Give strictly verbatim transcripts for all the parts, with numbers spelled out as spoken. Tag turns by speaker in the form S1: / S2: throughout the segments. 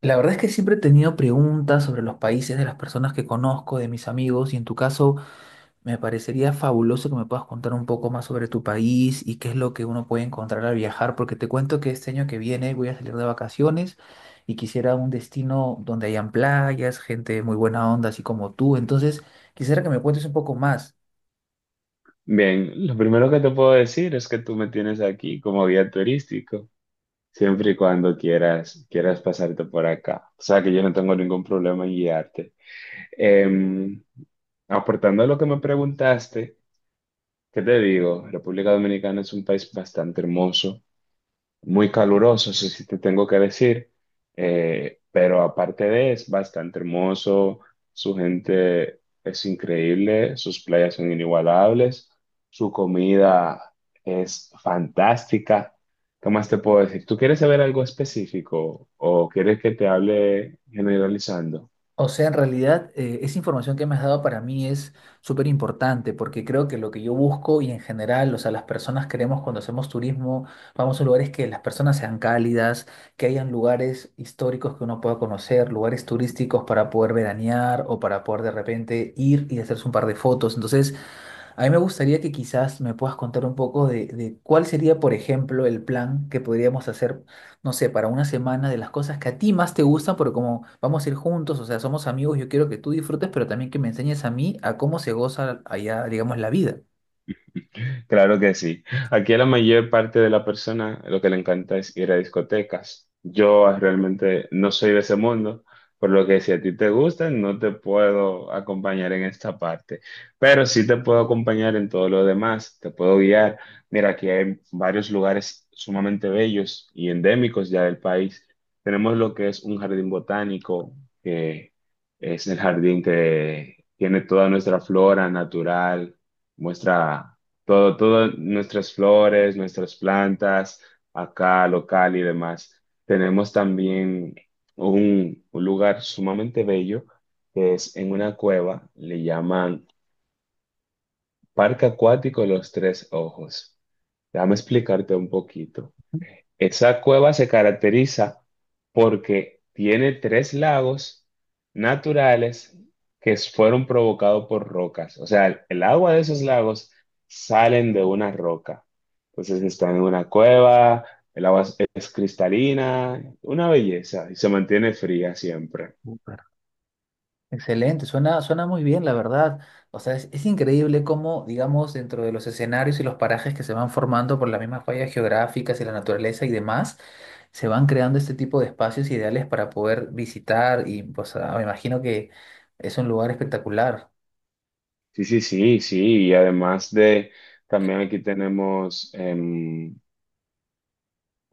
S1: La verdad es que siempre he tenido preguntas sobre los países de las personas que conozco, de mis amigos, y en tu caso me parecería fabuloso que me puedas contar un poco más sobre tu país y qué es lo que uno puede encontrar al viajar, porque te cuento que este año que viene voy a salir de vacaciones y quisiera un destino donde hayan playas, gente muy buena onda, así como tú. Entonces, quisiera que me cuentes un poco más.
S2: Bien, lo primero que te puedo decir es que tú me tienes aquí como guía turístico, siempre y cuando quieras, quieras pasarte por acá. O sea que yo no tengo ningún problema en guiarte. Em, Aportando a lo que me preguntaste, ¿qué te digo? República Dominicana es un país bastante hermoso, muy caluroso, eso sí te tengo que decir, eh, pero aparte de es bastante hermoso, su gente es increíble, sus playas son inigualables, su comida es fantástica. ¿Qué más te puedo decir? ¿Tú quieres saber algo específico o quieres que te hable generalizando?
S1: O sea, en realidad, eh, esa información que me has dado para mí es súper importante porque creo que lo que yo busco y en general, o sea, las personas queremos cuando hacemos turismo, vamos a lugares que las personas sean cálidas, que hayan lugares históricos que uno pueda conocer, lugares turísticos para poder veranear o para poder de repente ir y hacerse un par de fotos. Entonces, a mí me gustaría que quizás me puedas contar un poco de, de cuál sería, por ejemplo, el plan que podríamos hacer, no sé, para una semana de las cosas que a ti más te gustan, porque como vamos a ir juntos, o sea, somos amigos, yo quiero que tú disfrutes, pero también que me enseñes a mí a cómo se goza allá, digamos, la vida.
S2: Claro que sí. Aquí a la mayor parte de la persona lo que le encanta es ir a discotecas. Yo ah, realmente no soy de ese mundo, por lo que si a ti te gusta, no te puedo acompañar en esta parte, pero sí te puedo acompañar en todo lo demás, te puedo guiar. Mira, aquí hay varios lugares sumamente bellos y endémicos ya del país. Tenemos lo que es un jardín botánico, que es el jardín que tiene toda nuestra flora natural, muestra todo, todas nuestras flores, nuestras plantas, acá local y demás. Tenemos también un, un lugar sumamente bello que es en una cueva, le llaman Parque Acuático Los Tres Ojos. Déjame explicarte un poquito. Esa cueva se caracteriza porque tiene tres lagos naturales que fueron provocados por rocas. O sea, el, el agua de esos lagos salen de una roca. Entonces están en una cueva, el agua es, es cristalina, una belleza y se mantiene fría siempre.
S1: Excelente, suena, suena muy bien, la verdad. O sea, es, es increíble cómo, digamos, dentro de los escenarios y los parajes que se van formando por las mismas fallas geográficas y la naturaleza y demás, se van creando este tipo de espacios ideales para poder visitar y, pues, ah, me imagino que es un lugar espectacular.
S2: Sí, sí, sí, sí. Y además de, también aquí tenemos em,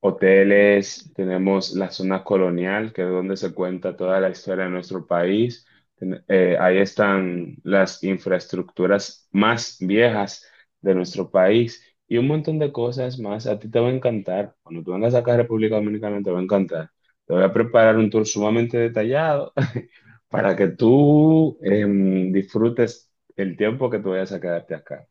S2: hoteles, tenemos la zona colonial, que es donde se cuenta toda la historia de nuestro país. Ten- eh, ahí están las infraestructuras más viejas de nuestro país y un montón de cosas más. A ti te va a encantar. Cuando tú vengas acá a República Dominicana, te va a encantar. Te voy a preparar un tour sumamente detallado para que tú em, disfrutes el tiempo que tú vayas a quedarte acá.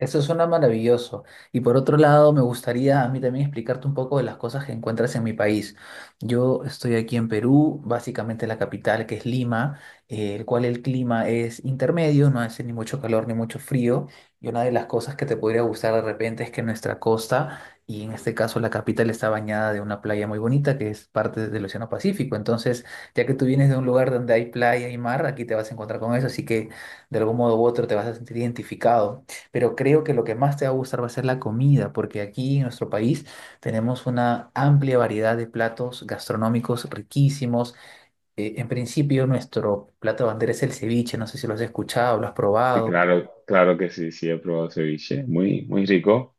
S1: Eso suena maravilloso. Y por otro lado, me gustaría a mí también explicarte un poco de las cosas que encuentras en mi país. Yo estoy aquí en Perú, básicamente la capital que es Lima, eh, el cual el clima es intermedio, no hace ni mucho calor ni mucho frío. Y una de las cosas que te podría gustar de repente es que nuestra costa, y en este caso la capital, está bañada de una playa muy bonita que es parte del Océano Pacífico. Entonces, ya que tú vienes de un lugar donde hay playa y mar, aquí te vas a encontrar con eso, así que de algún modo u otro te vas a sentir identificado, pero creo que lo que más te va a gustar va a ser la comida, porque aquí en nuestro país tenemos una amplia variedad de platos gastronómicos riquísimos. Eh, en principio, nuestro plato bandera es el ceviche, no sé si lo has escuchado, lo has
S2: Y
S1: probado.
S2: claro, claro que sí, sí, he probado ceviche. Muy, muy rico.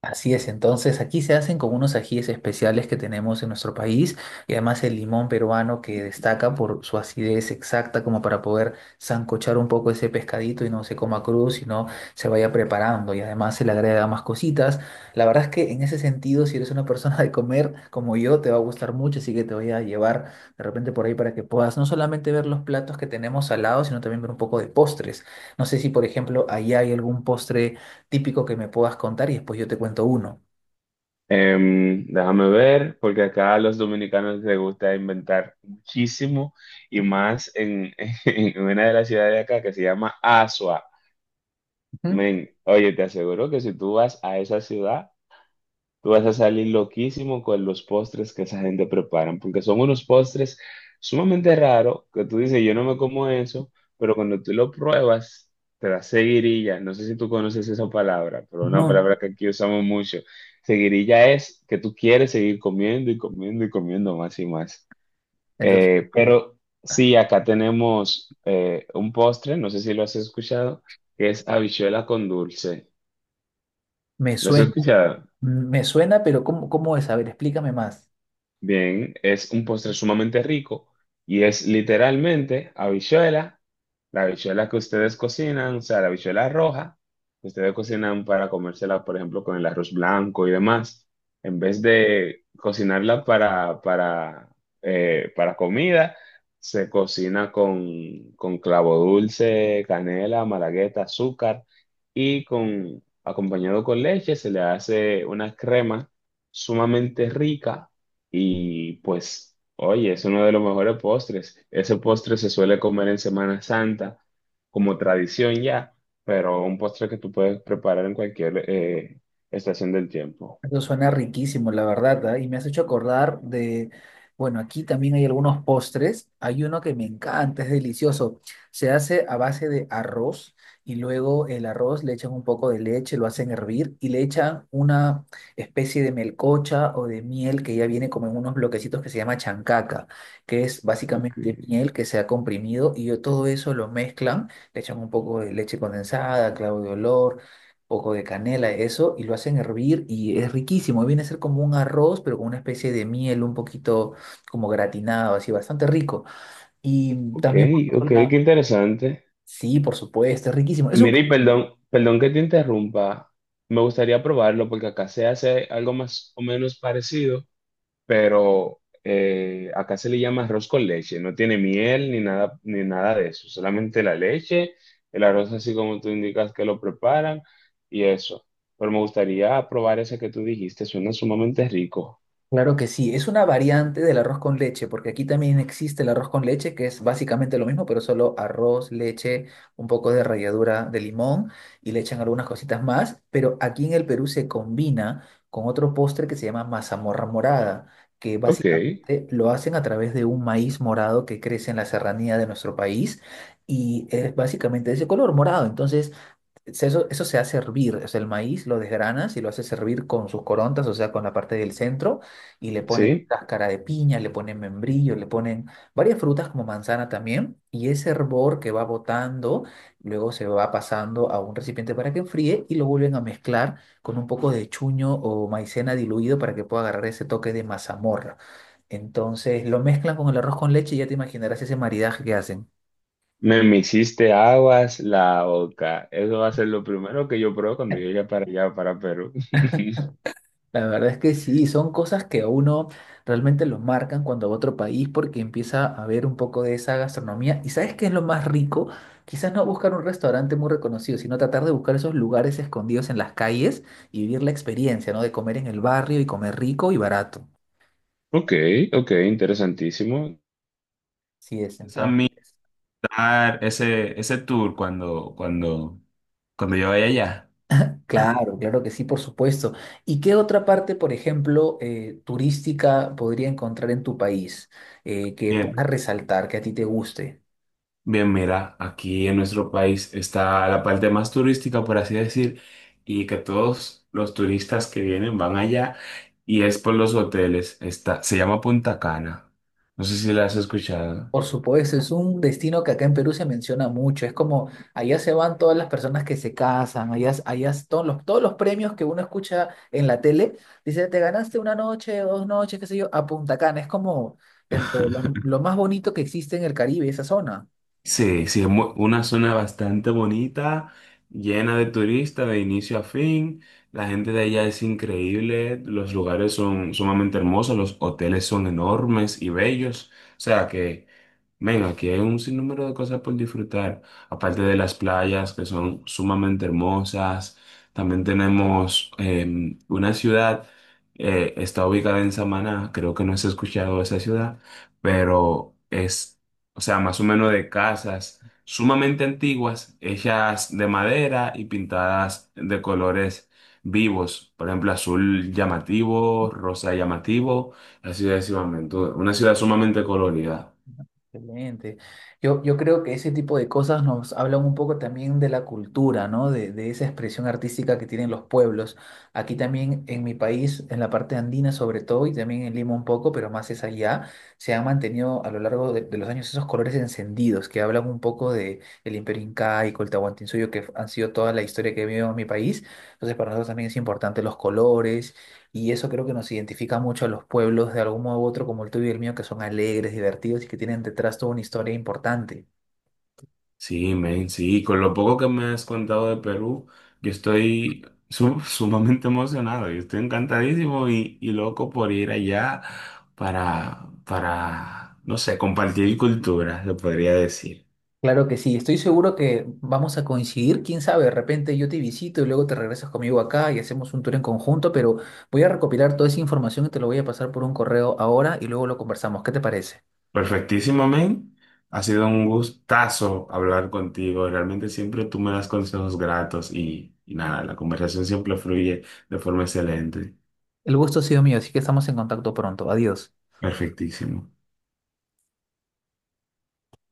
S1: Así es, entonces aquí se hacen con unos ajíes especiales que tenemos en nuestro país y además el limón peruano que destaca por su acidez exacta como para poder sancochar un poco ese pescadito y no se coma crudo, sino se vaya preparando y además se le agrega más cositas. La verdad es que en ese sentido, si eres una persona de comer como yo, te va a gustar mucho, así que te voy a llevar de repente por ahí para que puedas no solamente ver los platos que tenemos al lado, sino también ver un poco de postres. No sé si, por ejemplo, allá hay algún postre típico que me puedas contar y después yo te cuento uno.
S2: Em, déjame ver, porque acá a los dominicanos les gusta inventar muchísimo y más en, en una de las ciudades de acá que se llama Asua.
S1: Ujú.
S2: Men, oye, te aseguro que si tú vas a esa ciudad, tú vas a salir loquísimo con los postres que esa gente prepara, porque son unos postres sumamente raros que tú dices, yo no me como eso, pero cuando tú lo pruebas, te da seguirilla. No sé si tú conoces esa palabra, pero una
S1: No,
S2: palabra que aquí usamos mucho. Seguirilla es que tú quieres seguir comiendo y comiendo y comiendo más y más.
S1: eso es-
S2: Eh, pero sí, acá tenemos eh, un postre, no sé si lo has escuchado, que es habichuela con dulce.
S1: me
S2: ¿Lo has
S1: suena,
S2: escuchado?
S1: me suena, pero ¿cómo, cómo es? A ver, explícame más.
S2: Bien, es un postre sumamente rico y es literalmente habichuela, la habichuela que ustedes cocinan, o sea, la habichuela roja, que ustedes cocinan para comérsela, por ejemplo, con el arroz blanco y demás, en vez de cocinarla para, para, eh, para comida, se cocina con, con clavo dulce, canela, malagueta, azúcar y con, acompañado con leche se le hace una crema sumamente rica y pues, oye, es uno de los mejores postres. Ese postre se suele comer en Semana Santa, como tradición ya, pero un postre que tú puedes preparar en cualquier eh, estación del tiempo.
S1: Eso suena riquísimo, la verdad, ¿ah? Y me has hecho acordar de, bueno, aquí también hay algunos postres. Hay uno que me encanta, es delicioso. Se hace a base de arroz y luego el arroz le echan un poco de leche, lo hacen hervir y le echan una especie de melcocha o de miel que ya viene como en unos bloquecitos que se llama chancaca, que es
S2: Ok,
S1: básicamente miel que se ha comprimido y yo todo eso lo mezclan, le echan un poco de leche condensada, clavo de olor poco de canela, eso, y lo hacen hervir y es riquísimo. Viene a ser como un arroz, pero con una especie de miel un poquito como gratinado, así, bastante rico. Y
S2: ok,
S1: también por
S2: ok,
S1: otro lado,
S2: qué interesante.
S1: sí, por supuesto, es riquísimo. Es un
S2: Mira, y perdón, perdón que te interrumpa. Me gustaría probarlo porque acá se hace algo más o menos parecido, pero eh, acá se le llama arroz con leche, no tiene miel ni nada, ni nada de eso, solamente la leche, el arroz así como tú indicas que lo preparan y eso. Pero me gustaría probar ese que tú dijiste, suena sumamente rico.
S1: Claro que sí, es una variante del arroz con leche, porque aquí también existe el arroz con leche, que es básicamente lo mismo, pero solo arroz, leche, un poco de ralladura de limón y le echan algunas cositas más, pero aquí en el Perú se combina con otro postre que se llama mazamorra morada, que
S2: Ok,
S1: básicamente lo hacen a través de un maíz morado que crece en la serranía de nuestro país y es básicamente de ese color morado. Entonces se- Eso, eso se hace hervir, o sea, el maíz lo desgranas y lo haces hervir con sus corontas, o sea, con la parte del centro, y le ponen
S2: sí.
S1: cáscara de piña, le ponen membrillo, le ponen varias frutas como manzana también, y ese hervor que va botando, luego se va pasando a un recipiente para que enfríe y lo vuelven a mezclar con un poco de chuño o maicena diluido para que pueda agarrar ese toque de mazamorra. Entonces lo mezclan con el arroz con leche y ya te imaginarás ese maridaje que hacen.
S2: Me, me hiciste aguas la boca. Eso va a ser lo primero que yo pruebo cuando llegue para allá, para Perú.
S1: La verdad es que sí, son cosas que a uno realmente lo marcan cuando va a otro país porque empieza a ver un poco de esa gastronomía. ¿Y sabes qué es lo más rico? Quizás no buscar un restaurante muy reconocido, sino tratar de buscar esos lugares escondidos en las calles y vivir la experiencia, ¿no? De comer en el barrio y comer rico y barato.
S2: Ok, ok, interesantísimo.
S1: Sí es,
S2: Pienso a
S1: entonces.
S2: mí dar ese, ese tour cuando, cuando, cuando yo vaya allá.
S1: Claro, claro que sí, por supuesto. ¿Y qué otra parte, por ejemplo, eh, turística podría encontrar en tu país eh, que
S2: Bien,
S1: pueda resaltar, que a ti te guste?
S2: bien, mira, aquí en nuestro país está la parte más turística, por así decir, y que todos los turistas que vienen van allá y es por los hoteles. Está, se llama Punta Cana. No sé si la has escuchado.
S1: Por supuesto, es un destino que acá en Perú se menciona mucho. Es como allá se van todas las personas que se casan, allá, allá es todos los, todos los premios que uno escucha en la tele. Dice, te ganaste una noche, dos noches, qué sé yo, a Punta Cana. Es como dentro de lo, lo más bonito que existe en el Caribe, esa zona.
S2: Sí, sí, es mu- una zona bastante bonita, llena de turistas de inicio a fin. La gente de allá es increíble, los lugares son sumamente hermosos, los hoteles son enormes y bellos. O sea que... Ven, aquí hay un sinnúmero de cosas por disfrutar, aparte de las playas que son sumamente hermosas. También tenemos eh, una ciudad, eh, está ubicada en Samaná, creo que no has escuchado esa ciudad, pero es, o sea, más o menos de casas sumamente antiguas, hechas de madera y pintadas de colores vivos, por ejemplo, azul llamativo, rosa llamativo, así sucesivamente, una ciudad sumamente colorida.
S1: Excelente. Yo, yo creo que ese tipo de cosas nos hablan un poco también de la cultura, ¿no? De, de esa expresión artística que tienen los pueblos. Aquí también en mi país, en la parte andina sobre todo, y también en Lima un poco, pero más es allá, se han mantenido a lo largo de, de los años esos colores encendidos que hablan un poco de el Imperio Incaico, el Tahuantinsuyo, que han sido toda la historia que vivido en mi país. Entonces para nosotros también es importante los colores y eso creo que nos identifica mucho a los pueblos de algún modo u otro, como el tuyo y el mío, que son alegres, divertidos y que tienen detrás toda una historia importante.
S2: Sí, men, sí, con lo poco que me has contado de Perú, yo estoy su- sumamente emocionado, yo estoy encantadísimo y, y loco por ir allá para, para, no sé, compartir cultura, se podría decir.
S1: Claro que sí, estoy seguro que vamos a coincidir, quién sabe, de repente yo te visito y luego te regresas conmigo acá y hacemos un tour en conjunto, pero voy a recopilar toda esa información y te lo voy a pasar por un correo ahora y luego lo conversamos. ¿Qué te parece?
S2: Perfectísimo, men, ha sido un gustazo hablar contigo, realmente siempre tú me das consejos gratos y, y nada, la conversación siempre fluye de forma excelente,
S1: El gusto ha sido mío, así que estamos en contacto pronto. Adiós.
S2: perfectísimo.